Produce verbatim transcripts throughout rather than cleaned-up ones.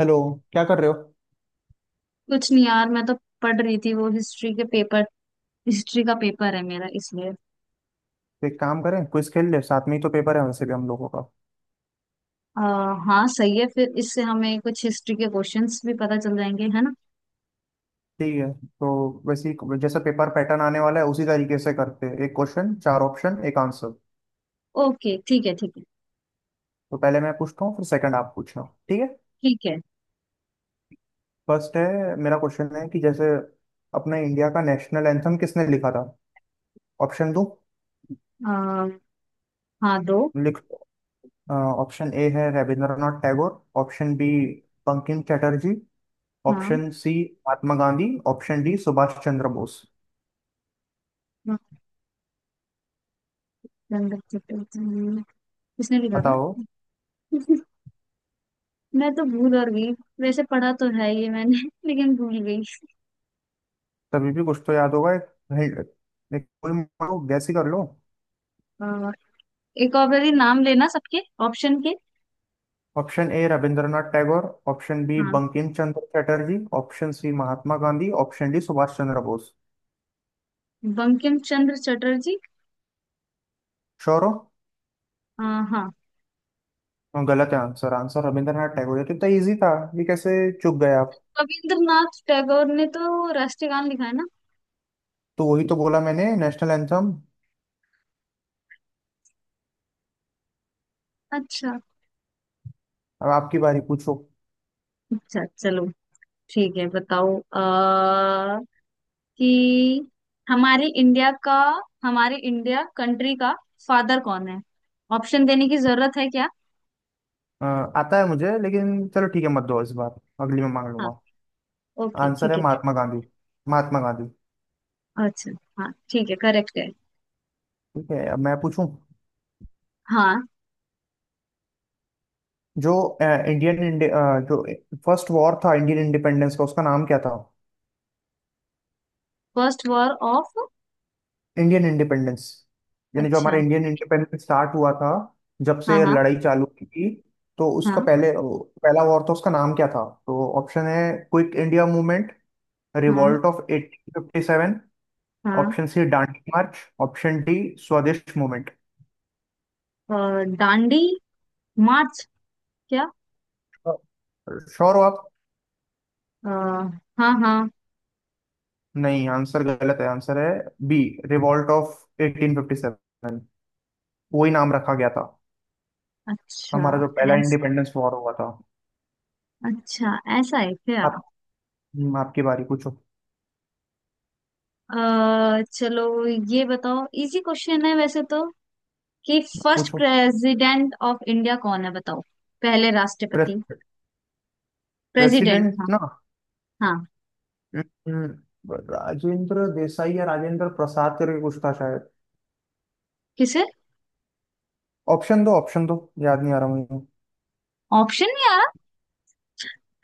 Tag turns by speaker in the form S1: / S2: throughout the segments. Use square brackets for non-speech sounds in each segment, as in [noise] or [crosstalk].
S1: Hello. क्या कर रहे हो तो?
S2: कुछ नहीं यार, मैं तो पढ़ रही थी वो हिस्ट्री के पेपर। हिस्ट्री का पेपर है मेरा, इसलिए
S1: एक काम करें, क्विज खेल ले, साथ में ही तो पेपर है वैसे भी हम लोगों का।
S2: आ, हाँ, सही है। फिर इससे हमें कुछ हिस्ट्री के क्वेश्चंस भी पता चल जाएंगे, है ना।
S1: ठीक है। तो वैसे ही जैसा पेपर पैटर्न आने वाला है, उसी तरीके से करते हैं। एक क्वेश्चन, चार ऑप्शन, एक आंसर।
S2: ओके, ठीक है, ठीक है,
S1: तो पहले मैं पूछता हूँ, फिर सेकंड आप पूछना। ठीक है।
S2: ठीक है।
S1: फर्स्ट है। मेरा क्वेश्चन है कि जैसे अपने इंडिया का नेशनल एंथम किसने लिखा था। ऑप्शन दो।
S2: आ, हाँ, दो।
S1: लिख ऑप्शन ए है रविंद्रनाथ टैगोर, ऑप्शन बी बंकिम चटर्जी,
S2: हाँ,
S1: option C Mahatma Gandhi, option D Subhash Chandra Bose.
S2: Ganga Chatterjee. किसने लिखा था?
S1: बताओ।
S2: [laughs] मैं तो भूल और गई। वैसे पढ़ा तो है ये मैंने [laughs] लेकिन भूल गई।
S1: तभी भी कुछ तो याद होगा। एक हिंट- एक कोई मानो गैस ही कर लो।
S2: आ, एक और बारी नाम लेना सबके ऑप्शन के।
S1: Option A Rabindranath Tagore, option B
S2: हाँ,
S1: Bankim Chandra Chatterjee, option C Mahatma Gandhi, option D Subhash Chandra Bose.
S2: Bankim Chandra Chatterjee.
S1: Sure हो?
S2: आ, हाँ।
S1: और गलत है। आंसर आंसर रविंद्रनाथ टैगोर है, तो इतना इजी था। ये कैसे चूक गए आप?
S2: रविंद्रनाथ टैगोर ने तो राष्ट्रीय गान लिखा है ना।
S1: तो वही तो बोला मैंने, नेशनल एंथम।
S2: अच्छा।
S1: अब आपकी बारी, पूछो।
S2: अच्छा चलो, ठीक है, बताओ आ, कि हमारे इंडिया का, हमारे इंडिया कंट्री का फादर कौन है। ऑप्शन देने की जरूरत है क्या?
S1: अ, आता है मुझे, लेकिन चलो ठीक है मत दो इस बार, अगली में मांग
S2: हाँ।
S1: लूंगा।
S2: ओके,
S1: आंसर है
S2: ठीक है।
S1: महात्मा गांधी। महात्मा गांधी।
S2: अच्छा, हाँ, ठीक है, करेक्ट है।
S1: ठीक है, अब मैं पूछूं।
S2: हाँ।
S1: जो इंडियन जो फर्स्ट वॉर था इंडियन इंडिपेंडेंस का, उसका नाम क्या था।
S2: First war of.
S1: Indian independence, यानी जो
S2: अच्छा।
S1: हमारा इंडियन इंडिपेंडेंस स्टार्ट हुआ था, जब
S2: हाँ,
S1: से
S2: हाँ।
S1: लड़ाई चालू हुई थी। तो उसका
S2: हाँ,
S1: पहले पहला वॉर था, उसका नाम क्या था। तो ऑप्शन है क्विक इंडिया मूवमेंट,
S2: हाँ,
S1: revolt of eighteen fifty seven,
S2: हाँ।
S1: Option C Dandi march, option D Swadesh movement.
S2: अ, दांडी मार्च, क्या?
S1: श्योर हो आप?
S2: अ, हाँ, हाँ।
S1: नहीं, आंसर गलत है। आंसर है B, revolt of eighteen fifty seven. वही नाम रखा गया था
S2: अच्छा
S1: हमारा जो पहला
S2: ऐस
S1: इंडिपेंडेंस वॉर हुआ था।
S2: अच्छा, ऐसा है क्या?
S1: आप। हम्म, आपकी बारी, पूछो।
S2: अ, चलो ये बताओ, इजी क्वेश्चन है वैसे तो, कि फर्स्ट
S1: पूछो।
S2: प्रेसिडेंट ऑफ इंडिया कौन है, बताओ। पहले
S1: प्रे,
S2: राष्ट्रपति, प्रेसिडेंट
S1: प्रेसिडेंट
S2: था।
S1: ना।
S2: हाँ।
S1: हम्म, राजेंद्र देसाई या राजेंद्र प्रसाद करके कुछ था शायद।
S2: किसे?
S1: ऑप्शन दो ऑप्शन दो याद नहीं आ रहा मुझे।
S2: ऑप्शन नहीं आ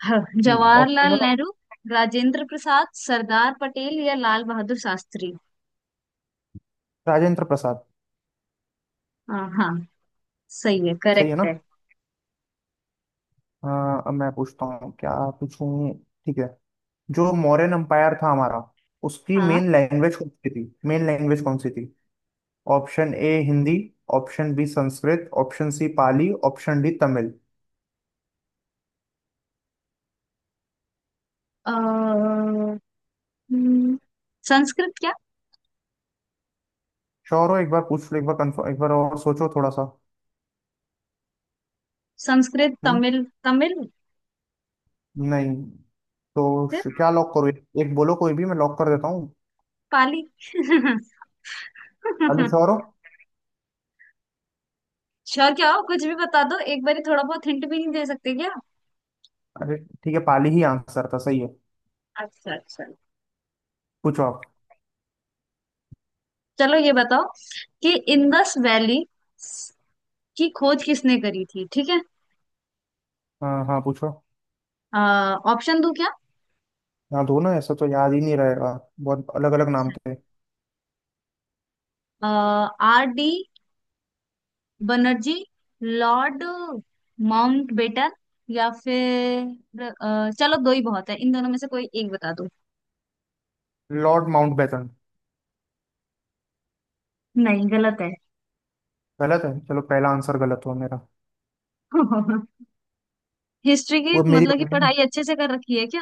S2: रहा। [laughs] ह,
S1: हम्म, ऑप्शन दो
S2: जवाहरलाल
S1: ना।
S2: नेहरू, राजेंद्र प्रसाद, सरदार पटेल या लाल बहादुर शास्त्री।
S1: राजेंद्र प्रसाद।
S2: हाँ, हाँ, सही है,
S1: सही है
S2: करेक्ट
S1: ना?
S2: है।
S1: हाँ, अब मैं पूछता हूँ। क्या पूछूं। ठीक है। जो मौर्यन एम्पायर था हमारा, उसकी
S2: हाँ।
S1: मेन लैंग्वेज कौन सी थी। मेन लैंग्वेज कौन सी थी। Option A Hindi, option B Sanskrit, option C Pali, option D Tamil.
S2: अ, हम्म, संस्कृत क्या?
S1: श्योर हो? एक बार पूछ लो, एक बार कंफर्म, एक बार और सोचो थोड़ा सा।
S2: संस्कृत,
S1: हम्म।
S2: तमिल, तमिल।
S1: नहीं। तो
S2: फिर
S1: श- क्या लॉक करो, एक, एक बोलो कोई भी, मैं लॉक कर देता हूँ।
S2: पाली।
S1: पाली, श्योर
S2: [laughs]
S1: हो?
S2: अच्छा, क्या हो, कुछ भी बता दो एक बारी, थोड़ा बहुत हिंट भी नहीं दे सकते क्या?
S1: अरे, ठीक है, पाली ही आंसर था। सही है।
S2: अच्छा, अच्छा।
S1: पूछो आप।
S2: चलो ये बताओ कि इंडस वैली की खोज किसने करी थी, ठीक है।
S1: हाँ हाँ, पूछो।
S2: ऑप्शन दूं क्या?
S1: हाँ दो ना, ऐसा तो याद ही नहीं रहेगा, बहुत अलग अलग नाम थे।
S2: R D Banerjee, lord Mountbatten या फिर अ, चलो, दो ही बहुत है, इन दोनों में से कोई एक बता दो।
S1: Lord Mountbatten.
S2: नहीं, गलत है।
S1: गलत है? चलो, पहला आंसर गलत हुआ मेरा।
S2: [laughs] हिस्ट्री की
S1: वो मेरी
S2: मतलब कि
S1: बारी है ना?
S2: पढ़ाई अच्छे से कर रखी है क्या?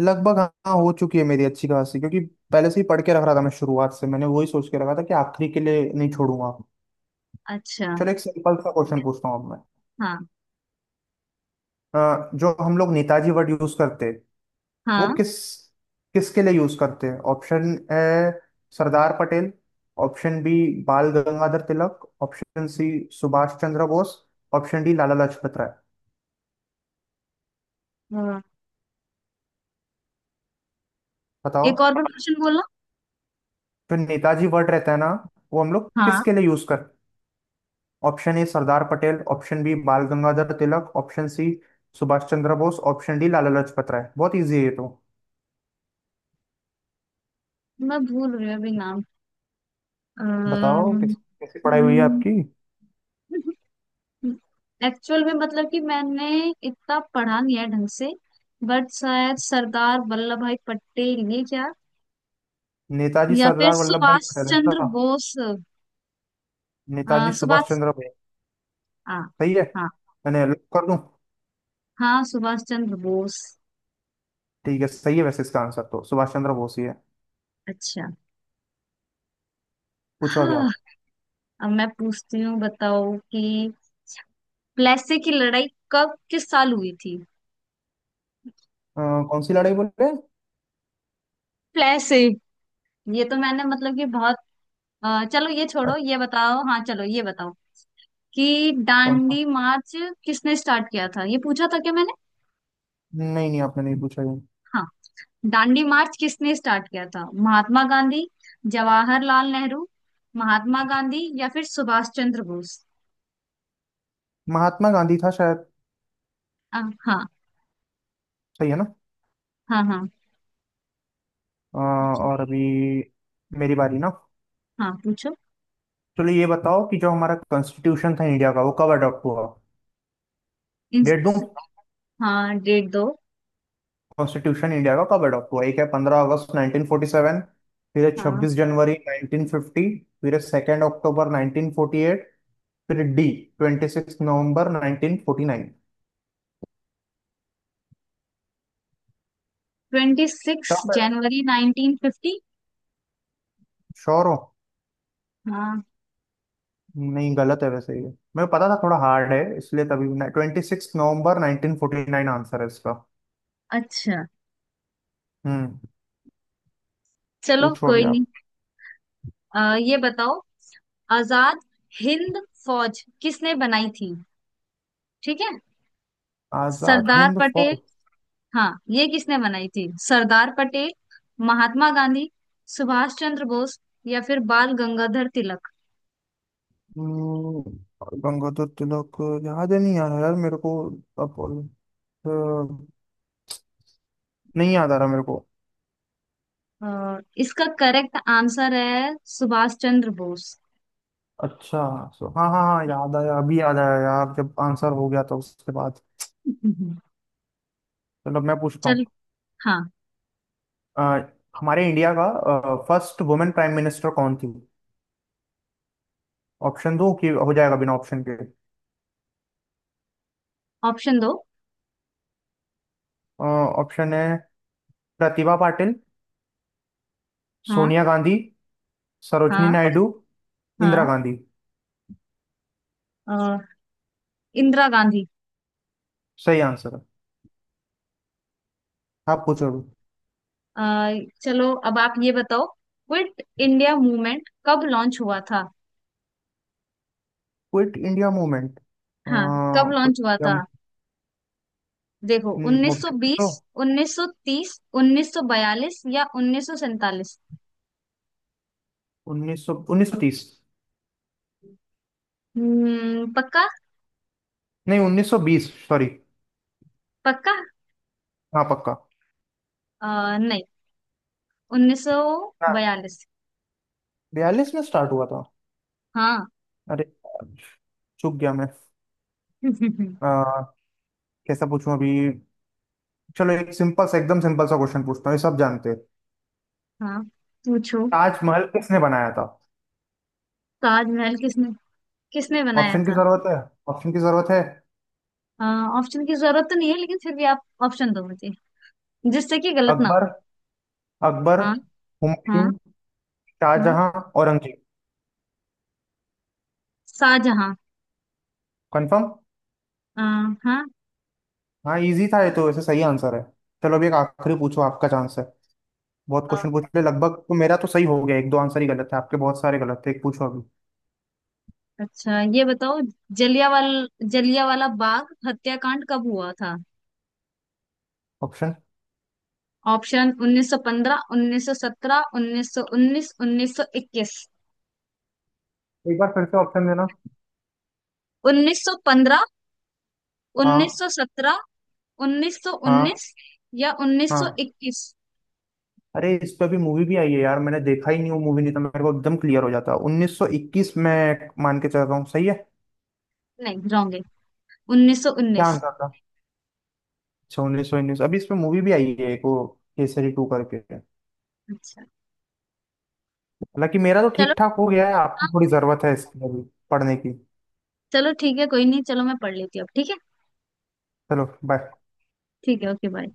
S1: लगभग हाँ, हो चुकी है मेरी अच्छी खासी, क्योंकि पहले से ही पढ़ के रख रहा था मैं शुरुआत से। मैंने वही सोच के रखा था कि आखिरी के लिए नहीं छोड़ूंगा।
S2: अच्छा।
S1: चलो एक सिंपल सा क्वेश्चन पूछता हूँ अब मैं।
S2: हाँ,
S1: अ, जो हम लोग नेताजी वर्ड यूज करते हैं, वो
S2: हाँ,
S1: किस किसके लिए यूज करते हैं। Option A Sardar Patel, option B Bal Gangadhar Tilak, option C Subhash Chandra Bose, option D Lala Lajpat Rai.
S2: हाँ,
S1: बताओ।
S2: एक और भी क्वेश्चन बोलो।
S1: जो नेताजी वर्ड रहता है ना, वो हम लोग
S2: हाँ,
S1: किसके लिए यूज कर। Option A Sardar Patel, option B Bal Gangadhar Tilak, option C Subhash Chandra Bose, option D Lala Lajpat Rai. बहुत इजी है ये तो।
S2: मैं भूल रही हूँ अभी नाम।
S1: बताओ, किस कैसी पढ़ाई हुई है आपकी?
S2: एक्चुअल में मतलब कि मैंने इतना पढ़ा नहीं है ढंग से। बट शायद सरदार वल्लभ भाई पटेल, ये क्या?
S1: नेताजी
S2: या फिर
S1: सरदार वल्लभ भाई
S2: सुभाष
S1: पटेल है
S2: चंद्र
S1: ना?
S2: बोस। अ,
S1: नेताजी सुभाष
S2: सुभाष।
S1: चंद्र बोस।
S2: हाँ।
S1: सही है।
S2: हाँ,
S1: मैंने लॉक कर दूं?
S2: हाँ, सुभाष चंद्र बोस।
S1: ठीक है, सही है। वैसे इसका आंसर तो सुभाष चंद्र बोस ही है।
S2: अच्छा।
S1: पूछो अभी
S2: हाँ,
S1: आप।
S2: अब मैं पूछती हूँ, बताओ कि प्लेसे की लड़ाई कब, किस साल हुई थी।
S1: अ, कौन सी लड़ाई बोल रहे हैं?
S2: प्लेसे। ये तो मैंने मतलब कि बहुत, अ, चलो ये छोड़ो,
S1: अच्छा,
S2: ये बताओ, हाँ, चलो ये बताओ कि
S1: कौन सा?
S2: दांडी मार्च किसने स्टार्ट किया था, ये पूछा था क्या मैंने?
S1: नहीं नहीं, आपने नहीं पूछा ये।
S2: हाँ। दांडी मार्च किसने स्टार्ट किया था? महात्मा गांधी, जवाहरलाल नेहरू, महात्मा गांधी या फिर सुभाष चंद्र बोस।
S1: महात्मा गांधी था शायद।
S2: आ, हाँ।
S1: सही है ना?
S2: हाँ, हाँ।
S1: अ, और अभी मेरी बारी ना?
S2: हाँ। पूछो।
S1: चलो, ये बताओ कि जो हमारा कॉन्स्टिट्यूशन था इंडिया का, वो कब अडॉप्ट हुआ।
S2: इन,
S1: डेट दूं?
S2: हाँ, डेट दो।
S1: कॉन्स्टिट्यूशन इंडिया का कब अडॉप्ट हुआ। एक है पंद्रह अगस्त नाइनटीन फोर्टी सेवन, फिर है
S2: हाँ,
S1: छब्बीस जनवरी नाइनटीन फिफ्टी, फिर है सेकेंड अक्टूबर नाइनटीन फोर्टी एट, फिर D twenty six November nineteen forty nine.
S2: Twenty six
S1: tough है।
S2: जनवरी नाइनटीन फिफ्टी
S1: श्योर हो?
S2: हाँ।
S1: नहीं, गलत है वैसे ये। मेरे को पता था थोड़ा हार्ड है इसलिए तभी। Twenty six November nineteen forty nine answer है इसका।
S2: अच्छा।
S1: हम्म।
S2: चलो,
S1: पूछो अभी
S2: कोई नहीं।
S1: आप।
S2: आ, ये बताओ, आजाद हिंद फौज किसने बनाई थी, ठीक है।
S1: आजाद
S2: सरदार
S1: हिंद
S2: पटेल।
S1: फौज।
S2: हाँ, ये किसने बनाई थी, सरदार पटेल, महात्मा गांधी, सुभाष चंद्र बोस या फिर बाल गंगाधर तिलक।
S1: हम्म, गंगाधर तिलक। याद ही नहीं आ रहा यार मेरे को। अब अ, नहीं याद आ रहा मेरे को।
S2: अ, इसका करेक्ट आंसर है सुभाष चंद्र बोस।
S1: अच्छा। सो हाँ हाँ हाँ, याद आया, अभी याद आया यार, जब आंसर हो गया तो उसके बाद।
S2: हम्म।
S1: चलो मैं पूछता हूँ।
S2: चल। हाँ।
S1: अ, हमारे इंडिया का फर्स्ट वुमेन प्राइम मिनिस्टर कौन थी? ऑप्शन दो कि हो जाएगा बिना ऑप्शन के?
S2: ऑप्शन दो।
S1: ऑप्शन है प्रतिभा पाटिल,
S2: हाँ,
S1: सोनिया गांधी, सरोजनी
S2: हाँ।
S1: नायडू, इंदिरा
S2: हाँ।
S1: गांधी।
S2: अ, इंदिरा गांधी।
S1: सही आंसर है। आप पूछो।
S2: अ, चलो, अब आप ये बताओ, क्विट इंडिया मूवमेंट कब लॉन्च हुआ था।
S1: Quit India movement.
S2: हाँ, कब लॉन्च हुआ
S1: ऑप्शन
S2: था, देखो। उन्नीस सौ बीस,
S1: दो।
S2: उन्नीस सौ तीस, उन्नीस सौ बयालीस या उन्नीस सौ सैंतालीस।
S1: उन्नीस सौ उन्नीस सौ तीस।
S2: हम्म पक्का?
S1: नहीं, उन्नीस सौ बीस, सॉरी।
S2: पक्का।
S1: हाँ पक्का।
S2: अ, नहीं, उन्नीस सौ
S1: हाँ,
S2: बयालीस
S1: बयालीस में स्टार्ट हुआ था।
S2: हाँ।
S1: अरे, चूक गया मैं। अ,
S2: [laughs]
S1: कैसा पूछूं अभी? चलो एक सिंपल सा, एकदम सिंपल सा क्वेश्चन पूछता हूँ, ये सब जानते हैं।
S2: हाँ, पूछो।
S1: ताजमहल किसने बनाया था?
S2: ताजमहल किसने किसने बनाया
S1: ऑप्शन की
S2: था?
S1: जरूरत है? ऑप्शन की जरूरत है?
S2: ऑप्शन की जरूरत तो नहीं है लेकिन फिर भी आप ऑप्शन दो मुझे, जिससे कि गलत ना हो।
S1: अकबर अकबर,
S2: हाँ,
S1: हुमायूं,
S2: हाँ, हाँ।
S1: शाहजहां, औरंगजेब।
S2: शाहजहां।
S1: कंफर्म?
S2: अ, हाँ।
S1: हाँ, इजी था ये तो वैसे। सही आंसर है। चलो, अभी एक आखिरी पूछो, आपका चांस है। बहुत
S2: अ,
S1: क्वेश्चन पूछ ले लगभग, तो मेरा तो सही हो गया, एक दो आंसर ही गलत है, आपके बहुत सारे गलत थे। एक पूछो अभी।
S2: अच्छा ये बताओ, जलियावाल जलियावाला बाग हत्याकांड कब हुआ था?
S1: ऑप्शन।
S2: ऑप्शन उन्नीस सौ पंद्रह, उन्नीस सौ सत्रह, उन्नीस सौ उन्नीस, उन्नीस सौ इक्कीस।
S1: एक बार फिर से ऑप्शन देना।
S2: उन्नीस सौ पंद्रह,
S1: हाँ
S2: उन्नीस सौ सत्रह,
S1: हाँ
S2: उन्नीस सौ उन्नीस या
S1: हाँ।
S2: उन्नीस सौ इक्कीस।
S1: अरे, इस पे भी मूवी भी आई है यार, मैंने देखा ही नहीं वो मूवी। नहीं तो मेरे को एकदम क्लियर हो जाता। उन्नीस सौ इक्कीस में मान के चल रहा हूँ, सही है?
S2: नहीं, रॉन्ग है,
S1: क्या
S2: उन्नीस सौ उन्नीस।
S1: आंसर था? अच्छा, उन्नीस सौ उन्नीस। अभी इस पे मूवी भी आई है एक, वो केसरी टू करके।
S2: अच्छा।
S1: हालांकि मेरा तो
S2: चलो।
S1: ठीक ठाक हो गया है, आपको
S2: हाँ।
S1: थोड़ी जरूरत है इसकी अभी पढ़ने की।
S2: चलो, ठीक है, कोई नहीं, चलो मैं पढ़ लेती हूँ अब, ठीक है।
S1: चलो, बाय।
S2: ठीक है, ओके, बाय।